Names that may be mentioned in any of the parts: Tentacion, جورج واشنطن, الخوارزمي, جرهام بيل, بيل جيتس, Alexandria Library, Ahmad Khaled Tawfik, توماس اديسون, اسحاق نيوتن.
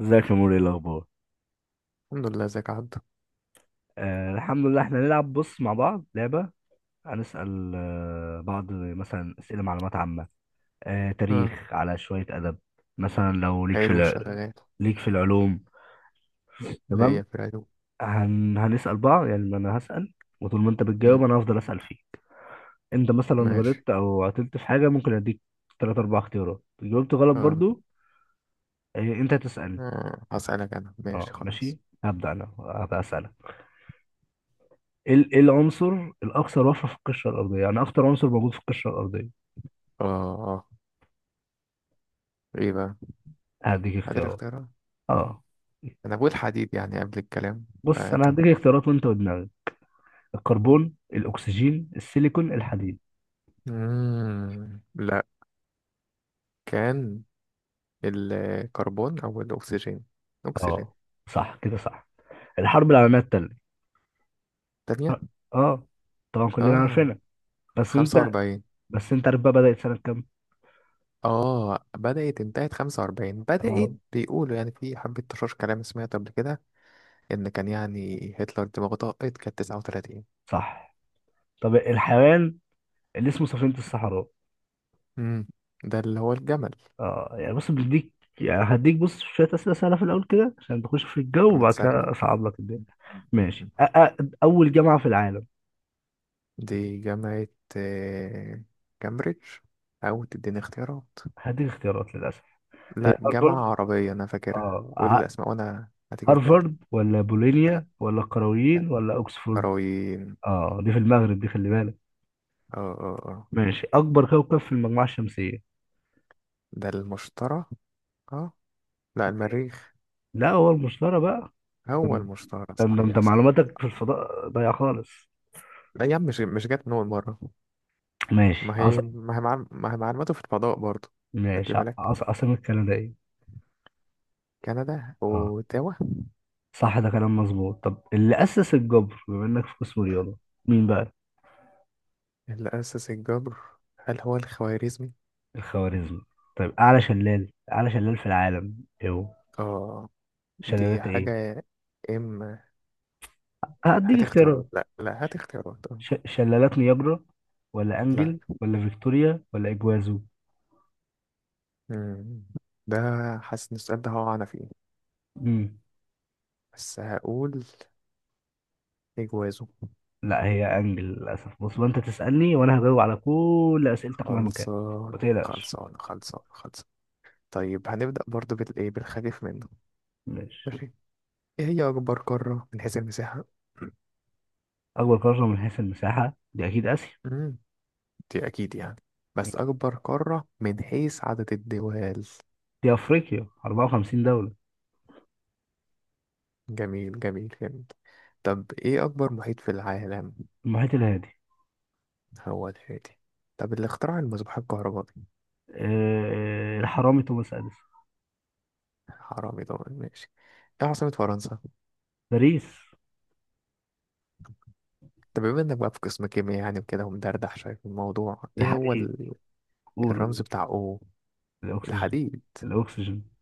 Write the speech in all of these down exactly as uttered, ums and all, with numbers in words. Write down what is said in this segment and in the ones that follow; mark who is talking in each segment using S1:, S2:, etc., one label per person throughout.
S1: ازيك يا موري؟ ايه الاخبار؟
S2: الحمد لله، ازيك عدى؟
S1: آه الحمد لله. احنا هنلعب، بص، مع بعض لعبه. هنسال آه بعض مثلا اسئله معلومات عامه، آه
S2: اه،
S1: تاريخ، على شويه ادب. مثلا لو ليك في
S2: حلو،
S1: الع...
S2: شغال.
S1: ليك في العلوم؟ تمام.
S2: ليا في العلوم.
S1: هن... هنسال بعض، يعني انا هسال وطول ما انت
S2: مم.
S1: بتجاوب انا هفضل اسال فيه. انت مثلا
S2: ماشي.
S1: غلطت او عطلت في حاجه، ممكن اديك ثلاث اربع اختيارات. جاوبت غلط
S2: اه.
S1: برضو، آه انت تسالني.
S2: آه، هسألك. انا
S1: اه
S2: ماشي،
S1: ماشي،
S2: خلاص.
S1: هبدا. انا هبقى اسالك. ايه ال- إيه العنصر الاكثر وفرة في القشرة الارضية؟ يعني اكتر عنصر موجود في القشرة الارضية.
S2: اه، اه. ايه بقى؟
S1: هديك
S2: قادر؟
S1: اختيارات.
S2: اختيارات.
S1: اه،
S2: انا بقول حديد يعني قبل الكلام.
S1: بص، انا
S2: فكم.
S1: هديك اختيارات وانت ودماغك: الكربون، الاكسجين، السيليكون، الحديد.
S2: مم. لا. كان الكربون او الاكسجين. اكسجين.
S1: اه، صح، كده صح. الحرب العالمية التانية،
S2: تانية.
S1: اه، طبعا كلنا
S2: اه،
S1: عارفينها، بس انت،
S2: خمسة وأربعين.
S1: بس انت عارف بقى بدأت سنة كام؟
S2: اه، بدأت انتهت خمسة وأربعين، بدأت
S1: اه،
S2: بيقولوا يعني في حبة تشاش كلام سمعت قبل كده ان كان يعني هتلر دماغه طاقت كانت تسعة وثلاثين.
S1: صح. طب الحيوان اللي اسمه سفينة الصحراء؟
S2: مم. ده اللي هو الجمل
S1: اه، يعني بص بديك، يعني هديك، بص، شوية أسئلة سهلة في الأول كده عشان تخش في الجو وبعد
S2: المتسكع
S1: كده
S2: ده.
S1: أصعب لك الدنيا. ماشي،
S2: مم.
S1: أ- أ- أول جامعة في العالم؟
S2: دي جامعة. آه، كامبريدج. أو تديني اختيارات.
S1: هديك اختيارات للأسف. هي
S2: لا،
S1: هارفارد.
S2: جامعة عربية أنا فاكرها،
S1: اه
S2: قول
S1: ع-
S2: الأسماء وأنا هتيجي في بالي.
S1: هارفارد، ولا بولونيا، ولا القرويين، ولا أوكسفورد؟
S2: كروين.
S1: اه، دي في المغرب، دي، خلي بالك.
S2: اه، اه، اه.
S1: ماشي، أكبر كوكب في المجموعة الشمسية؟
S2: ده المشتري. اه. لا، المريخ.
S1: لا، هو المشتري بقى.
S2: هو المشتري،
S1: ده انت انت
S2: صحيح صحيح.
S1: معلوماتك في الفضاء ضايعة خالص.
S2: لا يا عم، مش مش جت من أول مرة.
S1: ماشي
S2: ما
S1: عص...
S2: هي ما هي معلو- ما هي معلوماته في الفضاء برضه. خلي
S1: ماشي ع-
S2: بالك.
S1: عص... عاصمة كندا ايه؟
S2: كندا،
S1: اه،
S2: وتاوا.
S1: صح، ده كلام مظبوط. طب اللي أسس الجبر، بما إنك في قسم رياضة، مين بقى؟
S2: اللي أسس الجبر، هل هو الخوارزمي؟
S1: الخوارزمي. طيب أعلى شلال، أعلى شلال في العالم، ايه هو؟
S2: اه. دي
S1: شلالات ايه؟
S2: حاجة. إما.
S1: هديك
S2: هات
S1: اختيارات.
S2: اختيارات، لا، لا، هات اختيارات. آه.
S1: ش... شلالات نياجرا، ولا
S2: لا.
S1: انجل، ولا فيكتوريا، ولا اجوازو؟
S2: مم. ده. حاسس إن السؤال ده هقع أنا فيه.
S1: مم.
S2: بس هقول، إجوازه.
S1: لا، هي انجل للاسف. بص بقى، انت تسالني وانا هجاوب على كل اسئلتك مهما كان. ما
S2: خلصان
S1: تقلقش.
S2: خلصان خلصان خلصان. طيب، هنبدأ برضه بالإيه، بالخفيف منه.
S1: ماشي.
S2: ماشي. إيه هي أكبر قارة من حيث المساحة؟
S1: اكبر قاره من حيث المساحه دي اكيد اسيا.
S2: مم. دي أكيد يعني، بس
S1: مم.
S2: أكبر قارة من حيث عدد الدول؟
S1: دي افريقيا، أربعة وخمسين دوله.
S2: جميل جميل جميل. طب، ايه اكبر محيط في العالم؟
S1: المحيط الهادي.
S2: هو الهادي. طب، اللي اخترع المصباح الكهربائي؟
S1: أه... الحرامي توماس اديسون.
S2: حرامي طبعا، ماشي. ايه عاصمة فرنسا؟
S1: باريس.
S2: طب، بما انك بقى في قسم كيمياء يعني وكده ومدردح شوية في الموضوع، ايه هو
S1: الحديد.
S2: ال-
S1: قولوا.
S2: الرمز بتاع. او
S1: الاكسجين.
S2: الحديد.
S1: الاكسجين.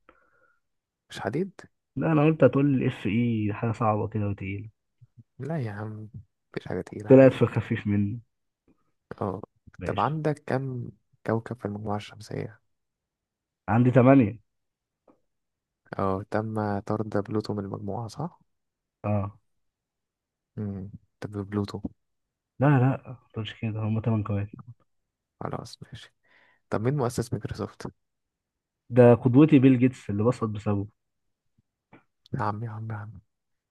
S2: مش حديد؟
S1: لا انا قلت هتقول لي اف اي حاجه صعبه كده وتقيله.
S2: لا يا عم، مفيش حاجة تقيلة
S1: طلعت في
S2: عليك.
S1: الخفيف منه.
S2: اه. طب،
S1: ماشي.
S2: عندك كم كوكب في المجموعة الشمسية؟
S1: عندي تمانية.
S2: اه، تم طرد بلوتو من المجموعة، صح؟
S1: اه.
S2: مم. طب، بلوتو.
S1: لا لا، ما تقولش كده، هم تمن كمان.
S2: خلاص، ماشي. طب، مين مؤسس مايكروسوفت؟
S1: ده قدوتي بيل جيتس، اللي بسقط بسببه.
S2: يا عم يا عم يا عم.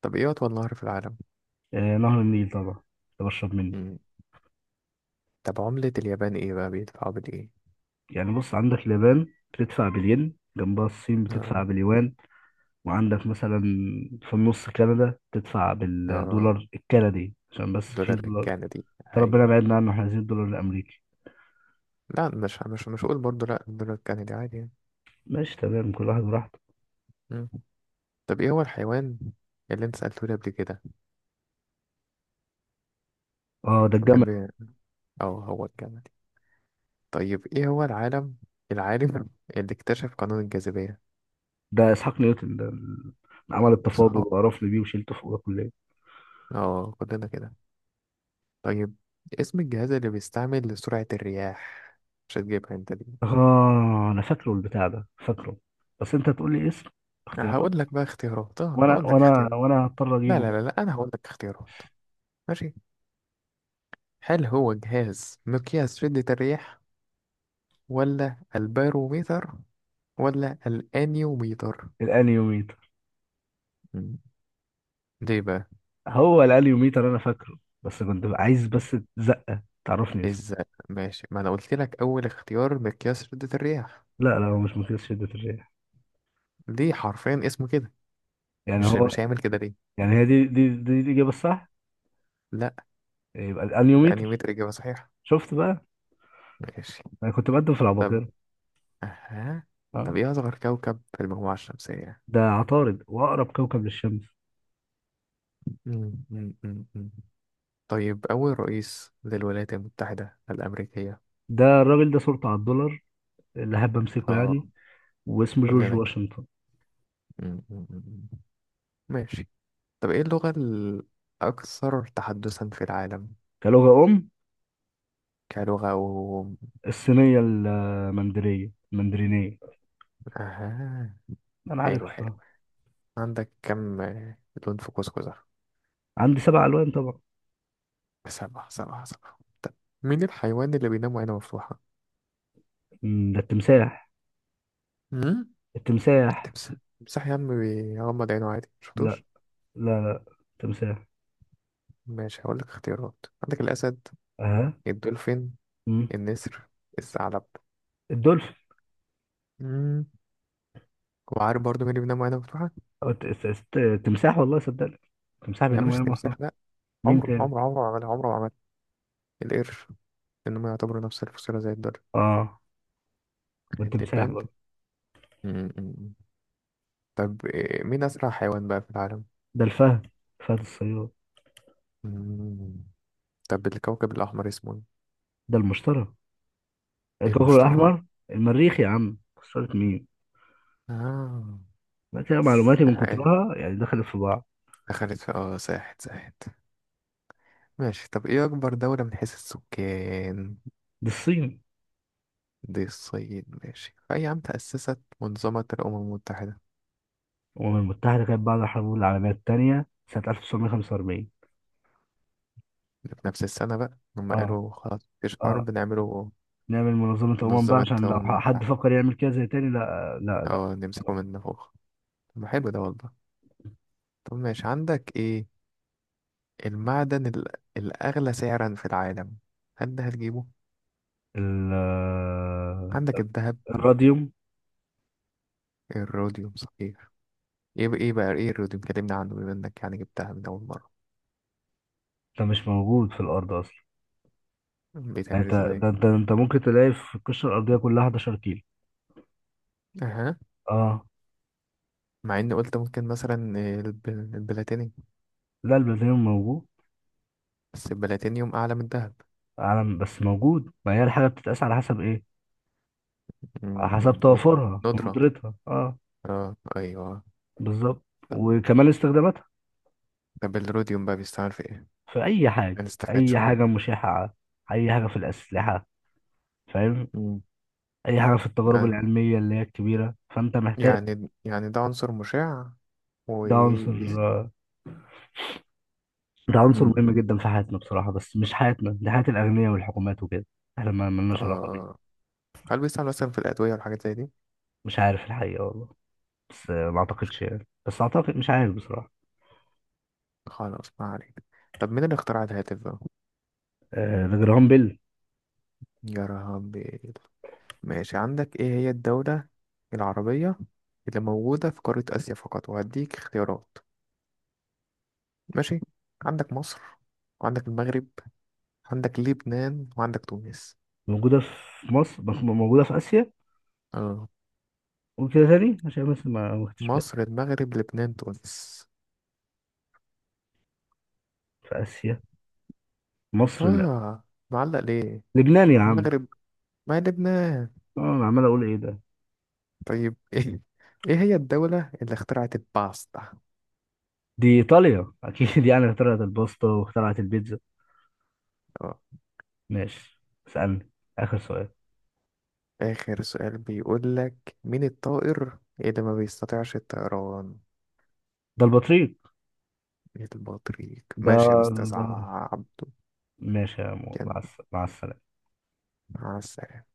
S2: طب، ايه أطول نهر في العالم؟
S1: آه نهر النيل طبعا، اللي بشرب منه.
S2: مم. طب، عملة اليابان ايه بقى؟ بيدفعوا بالإيه؟
S1: يعني بص، عندك اليابان بتدفع بالين، جنبها الصين بتدفع
S2: آه.
S1: باليوان، وعندك مثلا في النص كندا بتدفع
S2: آه.
S1: بالدولار الكندي عشان بس في
S2: دولار
S1: دولار.
S2: الكندي.
S1: ده ربنا
S2: أيوه أيوه.
S1: بعدنا عنه، احنا عايزين الدولار الامريكي.
S2: لا، مش مش مش هقول برضه، لا، الدولار الكندي عادي يعني.
S1: ماشي، تمام، كل واحد براحته.
S2: مم. طب، ايه هو الحيوان اللي انت سألته لي قبل كده؟
S1: اه ده
S2: وكان
S1: الجمل.
S2: بي. اه، هو الكندي. طيب، ايه هو العالم العالم اللي اكتشف قانون الجاذبية؟
S1: ده اسحاق نيوتن، ده اللي عمل التفاضل
S2: صح.
S1: وقرفني بيه وشيلته فوق الكلية.
S2: اه، كلنا كده. طيب، اسم الجهاز اللي بيستعمل لسرعة الرياح؟ مش هتجيبها انت دي.
S1: اه، انا فاكره البتاع ده، فاكره، بس انت تقول لي اسم. اختيارات؟
S2: هقول لك بقى اختيارات، اه
S1: وانا
S2: هقول لك
S1: وانا
S2: اختيارات.
S1: وانا هضطر
S2: لا،
S1: اجيبه
S2: لا، لا،
S1: بقى.
S2: لا، أنا هقول لك اختيارات. ماشي. هل هو جهاز مقياس شدة الرياح، ولا الباروميتر، ولا الأنيوميتر؟
S1: الانيوميتر.
S2: مم. ليه بقى؟
S1: هو الانيوميتر، انا فاكره، بس كنت عايز بس زقه تعرفني اسمه.
S2: إزاي؟ ماشي، ما أنا قلت لك أول اختيار مقياس شدة الرياح.
S1: لا لا، هو مش مقياس شده الرياح.
S2: ليه، حرفيا اسمه كده.
S1: يعني
S2: مش
S1: هو،
S2: مش هيعمل كده ليه.
S1: يعني هي دي دي دي الاجابه الصح.
S2: لا.
S1: يبقى الانيوميتر.
S2: الأنيوميتر إجابة صحيحة.
S1: شفت بقى،
S2: ماشي.
S1: انا كنت بقدم في
S2: طب.
S1: العباقرة.
S2: أها. طب،
S1: اه.
S2: إيه أصغر كوكب في المجموعة الشمسية؟
S1: ده عطارد، واقرب كوكب للشمس.
S2: مم، مم، مم، مم. طيب، أول رئيس للولايات المتحدة الأمريكية؟
S1: ده الراجل ده صورته على الدولار، اللي حابب امسكه
S2: اه،
S1: يعني، واسمه جورج
S2: كلنا كده.
S1: واشنطن.
S2: م- م- م- م. ماشي. طب، ايه اللغة الأكثر تحدثا في العالم؟
S1: كلغه ام؟
S2: كلغة و.
S1: الصينية، المندرية، المندرينية.
S2: أها.
S1: أنا عارف.
S2: حلو حلو. عندك كم لون في قوس قزح؟
S1: عندي سبع ألوان طبعا.
S2: سبعة سبعة سبعة. طب، مين الحيوان اللي بينام وعينه مفتوحة؟
S1: مم، ده التمساح.
S2: مم؟
S1: التمساح.
S2: تمساح، تمساح يا عم بيغمض عينه عادي،
S1: لا
S2: مشفتوش؟
S1: لا، لا، تمساح.
S2: ماشي، هقول لك اختيارات. عندك الأسد،
S1: أها.
S2: الدولفين،
S1: مم.
S2: النسر، الثعلب.
S1: الدولفين.
S2: مم. وعارف برضه مين اللي بينام وعينه مفتوحة؟
S1: أو الت- الت- الت- التمساح، والله صدقني، التمساح
S2: يا عم،
S1: بينام،
S2: مش
S1: وينام أصلا.
S2: التمساح، لا.
S1: مين
S2: عمره
S1: تاني؟
S2: عمره عمره ما عملها، عمره ما عملها. القرش. لأنهم يعتبروا نفس الفصيلة زي الدر.
S1: آه، والتمساح
S2: الدبان.
S1: برضه.
S2: مم. طب، إيه، مين أسرع حيوان بقى في العالم؟
S1: ده الفهد، فهد الصياد.
S2: مم. طب، الكوكب الأحمر اسمه؟
S1: ده المشتري،
S2: إيه؟
S1: الكوكب
S2: المشتري.
S1: الأحمر. المريخ يا عم، خسرت مين؟
S2: آه.
S1: ما كده معلوماتي من
S2: آه،
S1: كترها يعني دخلت في بعض.
S2: دخلت في اه ساحت ساحت. ماشي. طب، ايه أكبر دولة من حيث السكان؟
S1: دي الصين.
S2: دي الصين. ماشي، في أي عام تأسست منظمة الأمم المتحدة؟
S1: الأمم المتحدة كانت بعد الحرب العالمية التانية سنة ألف وتسعمية وخمسة وأربعين.
S2: في نفس السنة بقى، هم
S1: اه.
S2: قالوا خلاص مفيش
S1: اه،
S2: حرب، نعمله
S1: نعمل منظمة أمم بقى
S2: منظمة
S1: عشان لو
S2: الأمم
S1: حد
S2: المتحدة.
S1: فكر يعمل كده زي تاني، لا لا لا.
S2: اه، نمسكه من فوق. طب ما حلو ده والله. طب، ماشي. عندك ايه، المعدن ال- الأغلى سعرا في العالم؟ هل ده هتجيبه؟
S1: ال- آه،
S2: عندك الذهب.
S1: الراديوم.
S2: الروديوم، صحيح. ايه بقى ايه بقى ايه الروديوم، كلمني عنه بما انك يعني جبتها من أول مرة.
S1: ده مش موجود في الأرض أصلا. يعني
S2: بيتعمل
S1: أنت
S2: ازاي؟
S1: ده، أنت، أنت ممكن تلاقي في القشرة الأرضية كلها حداشر كيلو.
S2: اها.
S1: اه.
S2: مع اني قلت ممكن مثلا الب- البلاتينيوم.
S1: لا، البلاتينيوم موجود.
S2: بس البلاتينيوم أعلى من الذهب.
S1: عالم بس موجود، ما هي الحاجة بتتقاس على حسب إيه؟ على حسب
S2: مم،
S1: توافرها
S2: الندرة.
S1: وندرتها، اه،
S2: اه، ايوه.
S1: بالظبط،
S2: طب
S1: وكمان استخداماتها.
S2: طب الروديوم بقى بيستعمل في ايه؟
S1: في اي حاجه،
S2: هنستفاد
S1: اي حاجه
S2: شوية.
S1: مشعه، اي حاجه في الاسلحه، فاهم؟
S2: مم.
S1: اي حاجه في التجارب
S2: يعني
S1: العلميه اللي هي الكبيره، فانت محتاج.
S2: يعني يعني ده عنصر مشع.
S1: ده عنصر
S2: وبيست...
S1: ده عنصر مهم جدا في حياتنا بصراحه، بس مش حياتنا دي، حياه الاغنياء والحكومات وكده، احنا ما ملناش علاقه
S2: آه.
S1: بيه.
S2: هل بيستعمل مثلا في الأدوية والحاجات زي دي؟
S1: مش عارف الحقيقه، والله، بس ما اعتقدش يعني، بس اعتقد، مش عارف بصراحه.
S2: خلاص، ما عليك. طب، مين اللي اخترع الهاتف بقى؟
S1: آه، ده جرهام بيل.
S2: يا ربي. ماشي، عندك ايه هي الدولة العربية اللي موجودة في قارة آسيا فقط؟ وهديك اختيارات. ماشي. عندك مصر، وعندك المغرب، عندك لبنان، وعندك تونس.
S1: موجوده في مصر، بس موجوده في اسيا،
S2: اه.
S1: وكده تاني عشان بس ما ما خدتش بالي.
S2: مصر، المغرب، لبنان، تونس.
S1: في اسيا. مصر لا.
S2: اه، معلق ليه؟
S1: لبنان يا عم.
S2: المغرب، ما لبنان.
S1: اه انا عمال اقول ايه ده.
S2: طيب ايه، ايه هي الدولة اللي اخترعت الباستا؟
S1: دي إيطاليا أكيد يعني اخترعت الباستا واخترعت البيتزا.
S2: آه.
S1: ماشي، اسألني آخر سؤال.
S2: آخر سؤال بيقول لك: مين الطائر اللي ما بيستطيعش الطيران؟
S1: ده البطريق.
S2: البطريق.
S1: ده,
S2: ماشي يا أستاذ
S1: ده...
S2: عبده.
S1: ماشي يا مو،
S2: كان.
S1: مع الس- مع السلامة.
S2: مع السلامة.